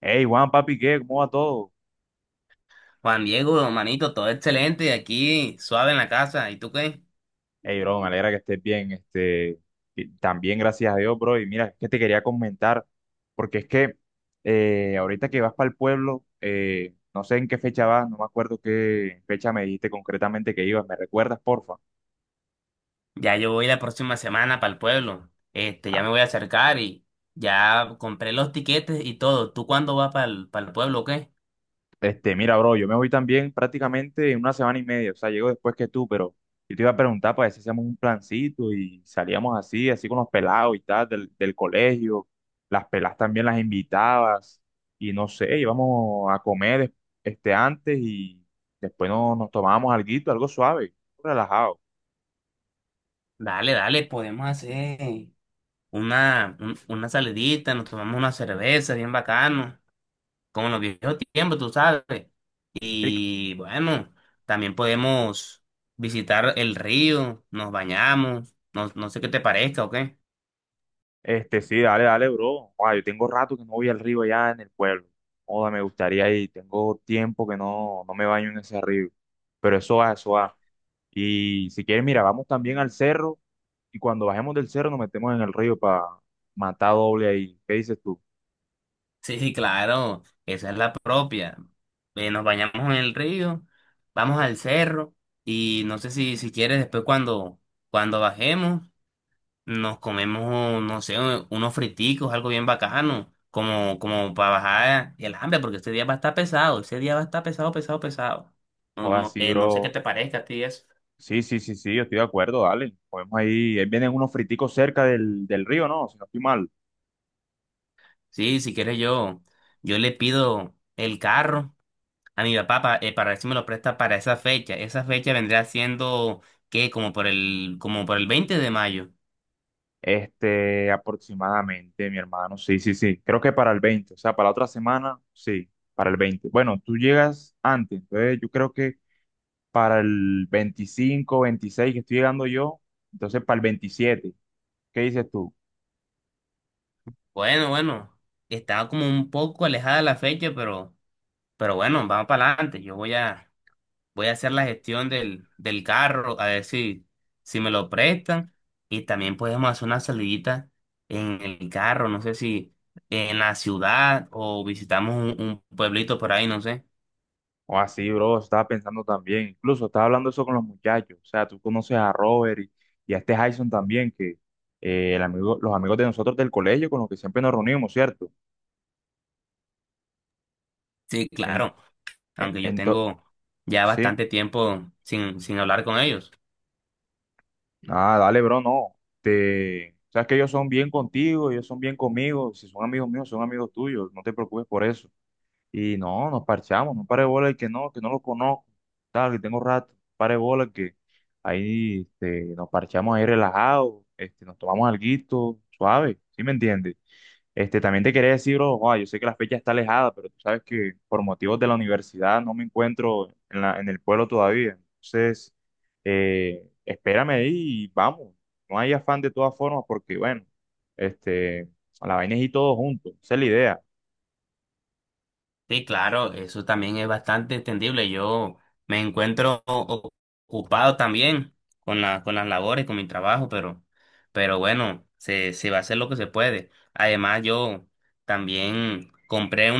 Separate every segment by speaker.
Speaker 1: Hey, Juan, papi, ¿qué? ¿Cómo va todo?
Speaker 2: Juan Diego, manito, todo excelente y aquí suave en la casa. ¿Y tú qué?
Speaker 1: Hey, bro, me alegra que estés bien. Y también gracias a Dios, bro. Y mira, es que te quería comentar, porque es que ahorita que vas para el pueblo, no sé en qué fecha vas, no me acuerdo qué fecha me dijiste concretamente que ibas. ¿Me recuerdas, porfa?
Speaker 2: Ya yo voy la próxima semana para el pueblo. Ya
Speaker 1: Ah.
Speaker 2: me voy a acercar y ya compré los tiquetes y todo. ¿Tú cuándo vas para el, pueblo o qué?
Speaker 1: Mira, bro, yo me voy también prácticamente en una semana y media, o sea, llego después que tú, pero yo te iba a preguntar para ver si hacíamos un plancito y salíamos así, así con los pelados y tal, del colegio, las pelas también las invitabas y no sé, íbamos a comer este antes y después nos tomábamos alguito, algo suave, relajado.
Speaker 2: Dale, dale, podemos hacer una salidita, nos tomamos una cerveza bien bacano, como en los viejos tiempos, tú sabes.
Speaker 1: Rico.
Speaker 2: Y bueno, también podemos visitar el río, nos bañamos, no, no sé qué te parezca o qué.
Speaker 1: Este, sí, dale, bro. Guau, yo tengo rato que no voy al río allá en el pueblo. Joda, me gustaría ir, tengo tiempo que no me baño en ese río, pero eso va, eso va. Y si quieres, mira, vamos también al cerro y cuando bajemos del cerro nos metemos en el río para matar doble ahí. ¿Qué dices tú?
Speaker 2: Sí, sí, claro, esa es la propia. Nos bañamos en el río, vamos al cerro y no sé si quieres después cuando bajemos nos comemos, no sé, unos friticos, algo bien bacano, como, como para bajar el hambre, porque este día va a estar pesado, ese día va a estar pesado, pesado, pesado. No,
Speaker 1: Joder,
Speaker 2: no,
Speaker 1: sí,
Speaker 2: no sé qué
Speaker 1: bro.
Speaker 2: te parezca a ti eso.
Speaker 1: Sí, sí, sí, sí, yo estoy de acuerdo, dale. Podemos ahí, ahí vienen unos friticos cerca del río, ¿no? Si no estoy mal.
Speaker 2: Sí, si quieres yo le pido el carro a mi papá, para ver si me lo presta para esa fecha. Esa fecha vendría siendo, ¿qué? Como por el 20 de mayo.
Speaker 1: Este, aproximadamente, mi hermano. Sí, sí, sí. Creo que para el 20, o sea, para la otra semana, sí, para el 20. Bueno, tú llegas antes, entonces yo creo que para el 25, 26 que estoy llegando yo, entonces para el 27. ¿Qué dices tú?
Speaker 2: Bueno, bueno, estaba como un poco alejada la fecha, pero bueno, vamos para adelante. Voy a hacer la gestión del carro, a ver si me lo prestan. Y también podemos hacer una salidita en el carro, no sé si en la ciudad o visitamos un pueblito por ahí, no sé.
Speaker 1: O así, bro, estaba pensando también. Incluso estaba hablando eso con los muchachos. O sea, tú conoces a Robert y a este Jason también, que el amigo, los amigos de nosotros del colegio con los que siempre nos reunimos, ¿cierto?
Speaker 2: Sí,
Speaker 1: En,
Speaker 2: claro.
Speaker 1: en,
Speaker 2: Aunque yo
Speaker 1: ento-
Speaker 2: tengo ya
Speaker 1: sí.
Speaker 2: bastante tiempo sin hablar con ellos.
Speaker 1: Ah, dale, bro, no. Te, sabes que ellos son bien contigo, ellos son bien conmigo. Si son amigos míos, son amigos tuyos. No te preocupes por eso. Y no, nos parchamos, no pare bola el que no lo conozco, tal, que tengo rato, pare bola el que ahí este, nos parchamos ahí relajados, este, nos tomamos alguito, suave, ¿sí me entiendes? Este, también te quería decir, bro, joa, yo sé que la fecha está alejada, pero tú sabes que por motivos de la universidad no me encuentro en en el pueblo todavía. Entonces, espérame ahí y vamos. No hay afán de todas formas porque, bueno, este, la vaina es ir todos juntos, esa es la idea.
Speaker 2: Sí, claro, eso también es bastante entendible. Yo me encuentro o- Ocupado también con las labores, con mi trabajo, pero bueno, se va a hacer lo que se puede. Además, yo también compré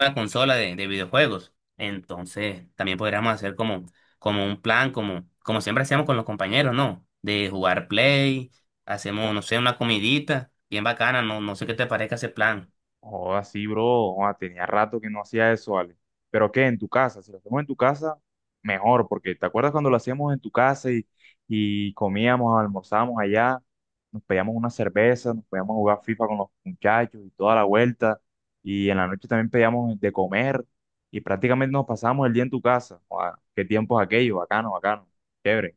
Speaker 2: una consola de videojuegos. Entonces, también podríamos hacer como, como un plan, como, como siempre hacíamos con los compañeros, ¿no? De jugar play, hacemos, no sé, una comidita bien bacana, no, no sé qué te parezca ese plan.
Speaker 1: Joda, sí, bro. Joda, tenía rato que no hacía eso, Ale. Pero qué, en tu casa, si lo hacemos en tu casa, mejor, porque ¿te acuerdas cuando lo hacíamos en tu casa y comíamos, almorzábamos allá, nos pedíamos una cerveza, nos podíamos jugar FIFA con los muchachos y toda la vuelta, y en la noche también pedíamos de comer y prácticamente nos pasábamos el día en tu casa. Joda, qué tiempos aquellos, bacano, bacano, chévere.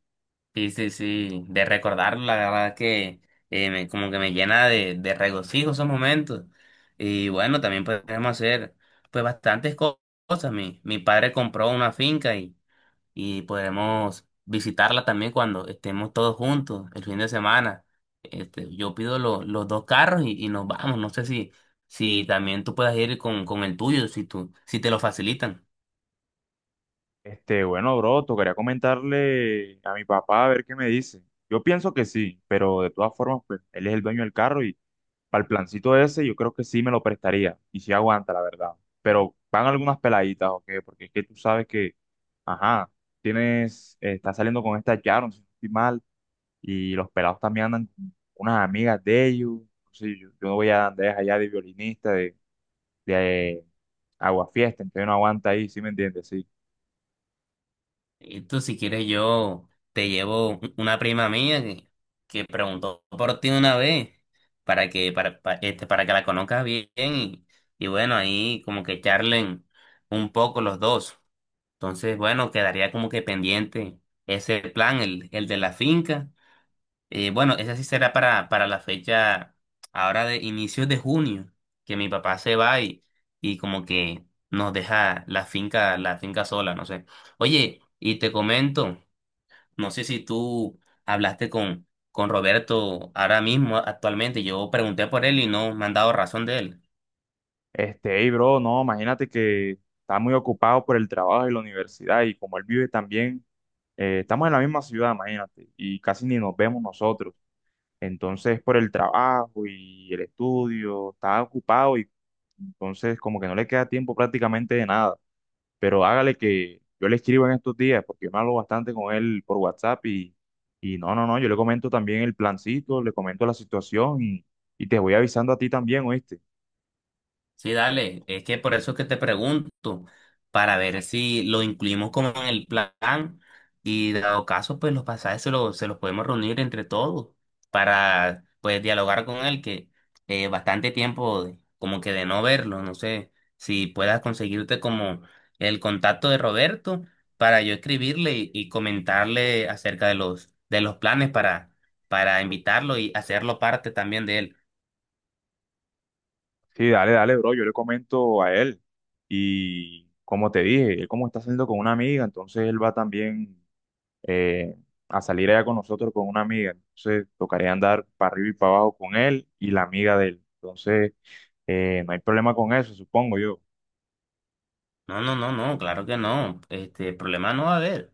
Speaker 2: Sí, sí, sí, de recordar, la verdad que como que me llena de regocijo esos momentos. Y bueno, también podemos hacer pues cosas. Mi padre compró una finca y podremos visitarla también cuando estemos todos juntos el fin de semana. Yo pido los dos carros y nos vamos. No sé si, si también tú puedas ir con el tuyo, si tú, si te lo facilitan.
Speaker 1: Este, bueno, bro, tocaría comentarle a mi papá a ver qué me dice. Yo pienso que sí, pero de todas formas, pues, él es el dueño del carro y para el plancito ese yo creo que sí me lo prestaría y sí aguanta, la verdad. Pero van algunas peladitas, ¿o qué? Porque es que tú sabes que, ajá, tienes, estás saliendo con esta Sharon, si no estoy mal, y los pelados también andan con unas amigas de ellos. Entonces, yo no voy a andar allá de violinista, de, agua fiesta, entonces no aguanta ahí, ¿sí me entiendes? Sí.
Speaker 2: Y tú, si quieres, yo te llevo una prima mía que preguntó por ti una vez para que, para que la conozcas bien y bueno, ahí como que charlen un poco los dos. Entonces, bueno, quedaría como que pendiente ese plan, el de la finca. Bueno, ese sí será para la fecha ahora de inicios de junio, que mi papá se va y como que nos deja la finca sola, no sé. Oye, y te comento, no sé si tú hablaste con Roberto ahora mismo, actualmente. Yo pregunté por él y no me han dado razón de él.
Speaker 1: Este, hey, bro, no, imagínate que está muy ocupado por el trabajo y la universidad y como él vive también, estamos en la misma ciudad, imagínate, y casi ni nos vemos nosotros. Entonces, por el trabajo y el estudio, está ocupado y entonces como que no le queda tiempo prácticamente de nada. Pero hágale que yo le escribo en estos días porque yo me hablo bastante con él por WhatsApp y no, no, no, yo le comento también el plancito, le comento la situación y te voy avisando a ti también, ¿oíste?
Speaker 2: Sí, dale, es que por eso es que te pregunto, para ver si lo incluimos como en el plan y dado caso, pues los pasajes se se los podemos reunir entre todos para pues dialogar con él, que bastante tiempo como que de no verlo, no sé si puedas conseguirte como el contacto de Roberto para yo escribirle y comentarle acerca de de los planes para invitarlo y hacerlo parte también de él.
Speaker 1: Sí, dale, dale, bro. Yo le comento a él. Y como te dije, él como está saliendo con una amiga, entonces él va también eh, a salir allá con nosotros con una amiga. Entonces tocaría andar para arriba y para abajo con él y la amiga de él. Entonces no hay problema con eso, supongo yo.
Speaker 2: No, no, no, no, claro que no. Este problema no va a haber.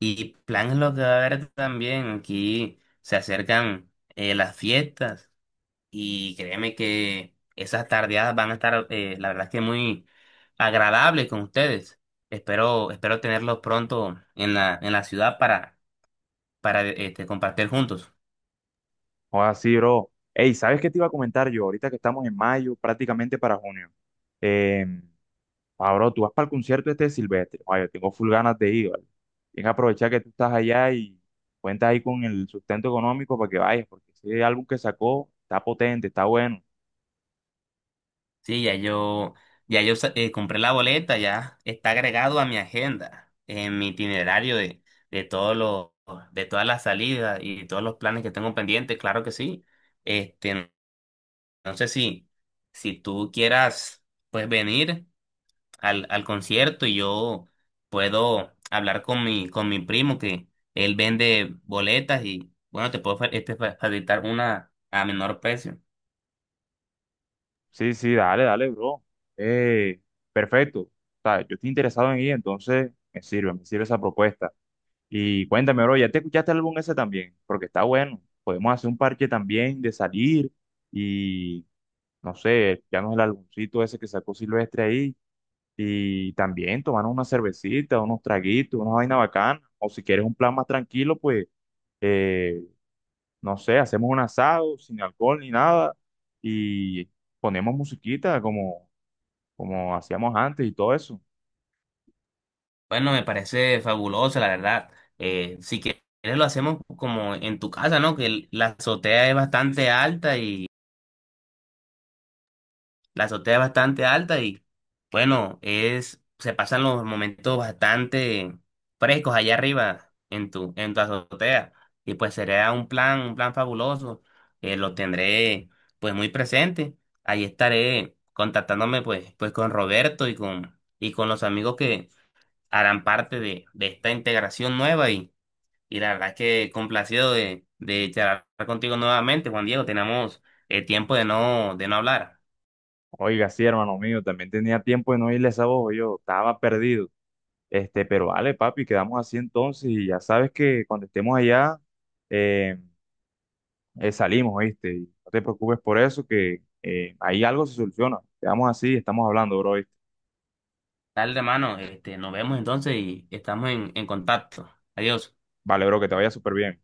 Speaker 2: Y plan es lo que va a haber también. Aquí se acercan las fiestas y créeme que esas tardeadas van a estar, la verdad es que muy agradables con ustedes. Espero, espero tenerlos pronto en la ciudad para, compartir juntos.
Speaker 1: O así, bro. Ey, ¿sabes qué te iba a comentar yo? Ahorita que estamos en mayo, prácticamente para junio. Em, Ah, bro, tú vas para el concierto este de Silvestre. Ay, yo tengo full ganas de ir, ¿vale? Tienes que aprovechar que tú estás allá y cuenta ahí con el sustento económico para que vayas, porque ese álbum que sacó está potente, está bueno.
Speaker 2: Sí, ya yo compré la boleta, ya está agregado a mi agenda, en mi itinerario de todos los, de todas las salidas y todos los planes que tengo pendientes, claro que sí. Este, no sé si, si tú quieras, pues venir al, al concierto y yo puedo hablar con mi primo que él vende boletas y bueno, te puedo facilitar una a menor precio.
Speaker 1: Sí, sí, dale, dale, bro. Eh, Perfecto. O sea, yo estoy interesado en ir, entonces me sirve esa propuesta. Y cuéntame, bro, ¿ya te escuchaste el álbum ese también? Porque está bueno. Podemos hacer un parche también de salir y, no sé, ya no es el álbumcito ese que sacó Silvestre ahí y también tomar una cervecita, unos traguitos, una vaina bacana. O si quieres un plan más tranquilo, pues, eh, no sé, hacemos un asado sin alcohol ni nada y ponemos musiquita como, como hacíamos antes y todo eso.
Speaker 2: Bueno, me parece fabuloso, la verdad. Si quieres lo hacemos como en tu casa, ¿no? Que la azotea es bastante alta y la azotea es bastante alta y bueno, es se pasan los momentos bastante frescos allá arriba en tu azotea y pues sería un plan fabuloso. Lo tendré pues muy presente. Ahí estaré contactándome pues con Roberto y con los amigos que harán parte de esta integración nueva y la verdad es que complacido de charlar contigo nuevamente, Juan Diego. Tenemos tiempo de no hablar.
Speaker 1: Oiga, sí, hermano mío, también tenía tiempo de no irle a esa voz, yo estaba perdido. Este, pero vale, papi, quedamos así entonces y ya sabes que cuando estemos allá, eh, salimos, ¿viste? Y no te preocupes por eso, que ahí algo se soluciona. Quedamos así, estamos hablando, bro, ¿oíste?
Speaker 2: Dale, hermano, nos vemos entonces y estamos en contacto. Adiós.
Speaker 1: Vale, bro, que te vaya súper bien.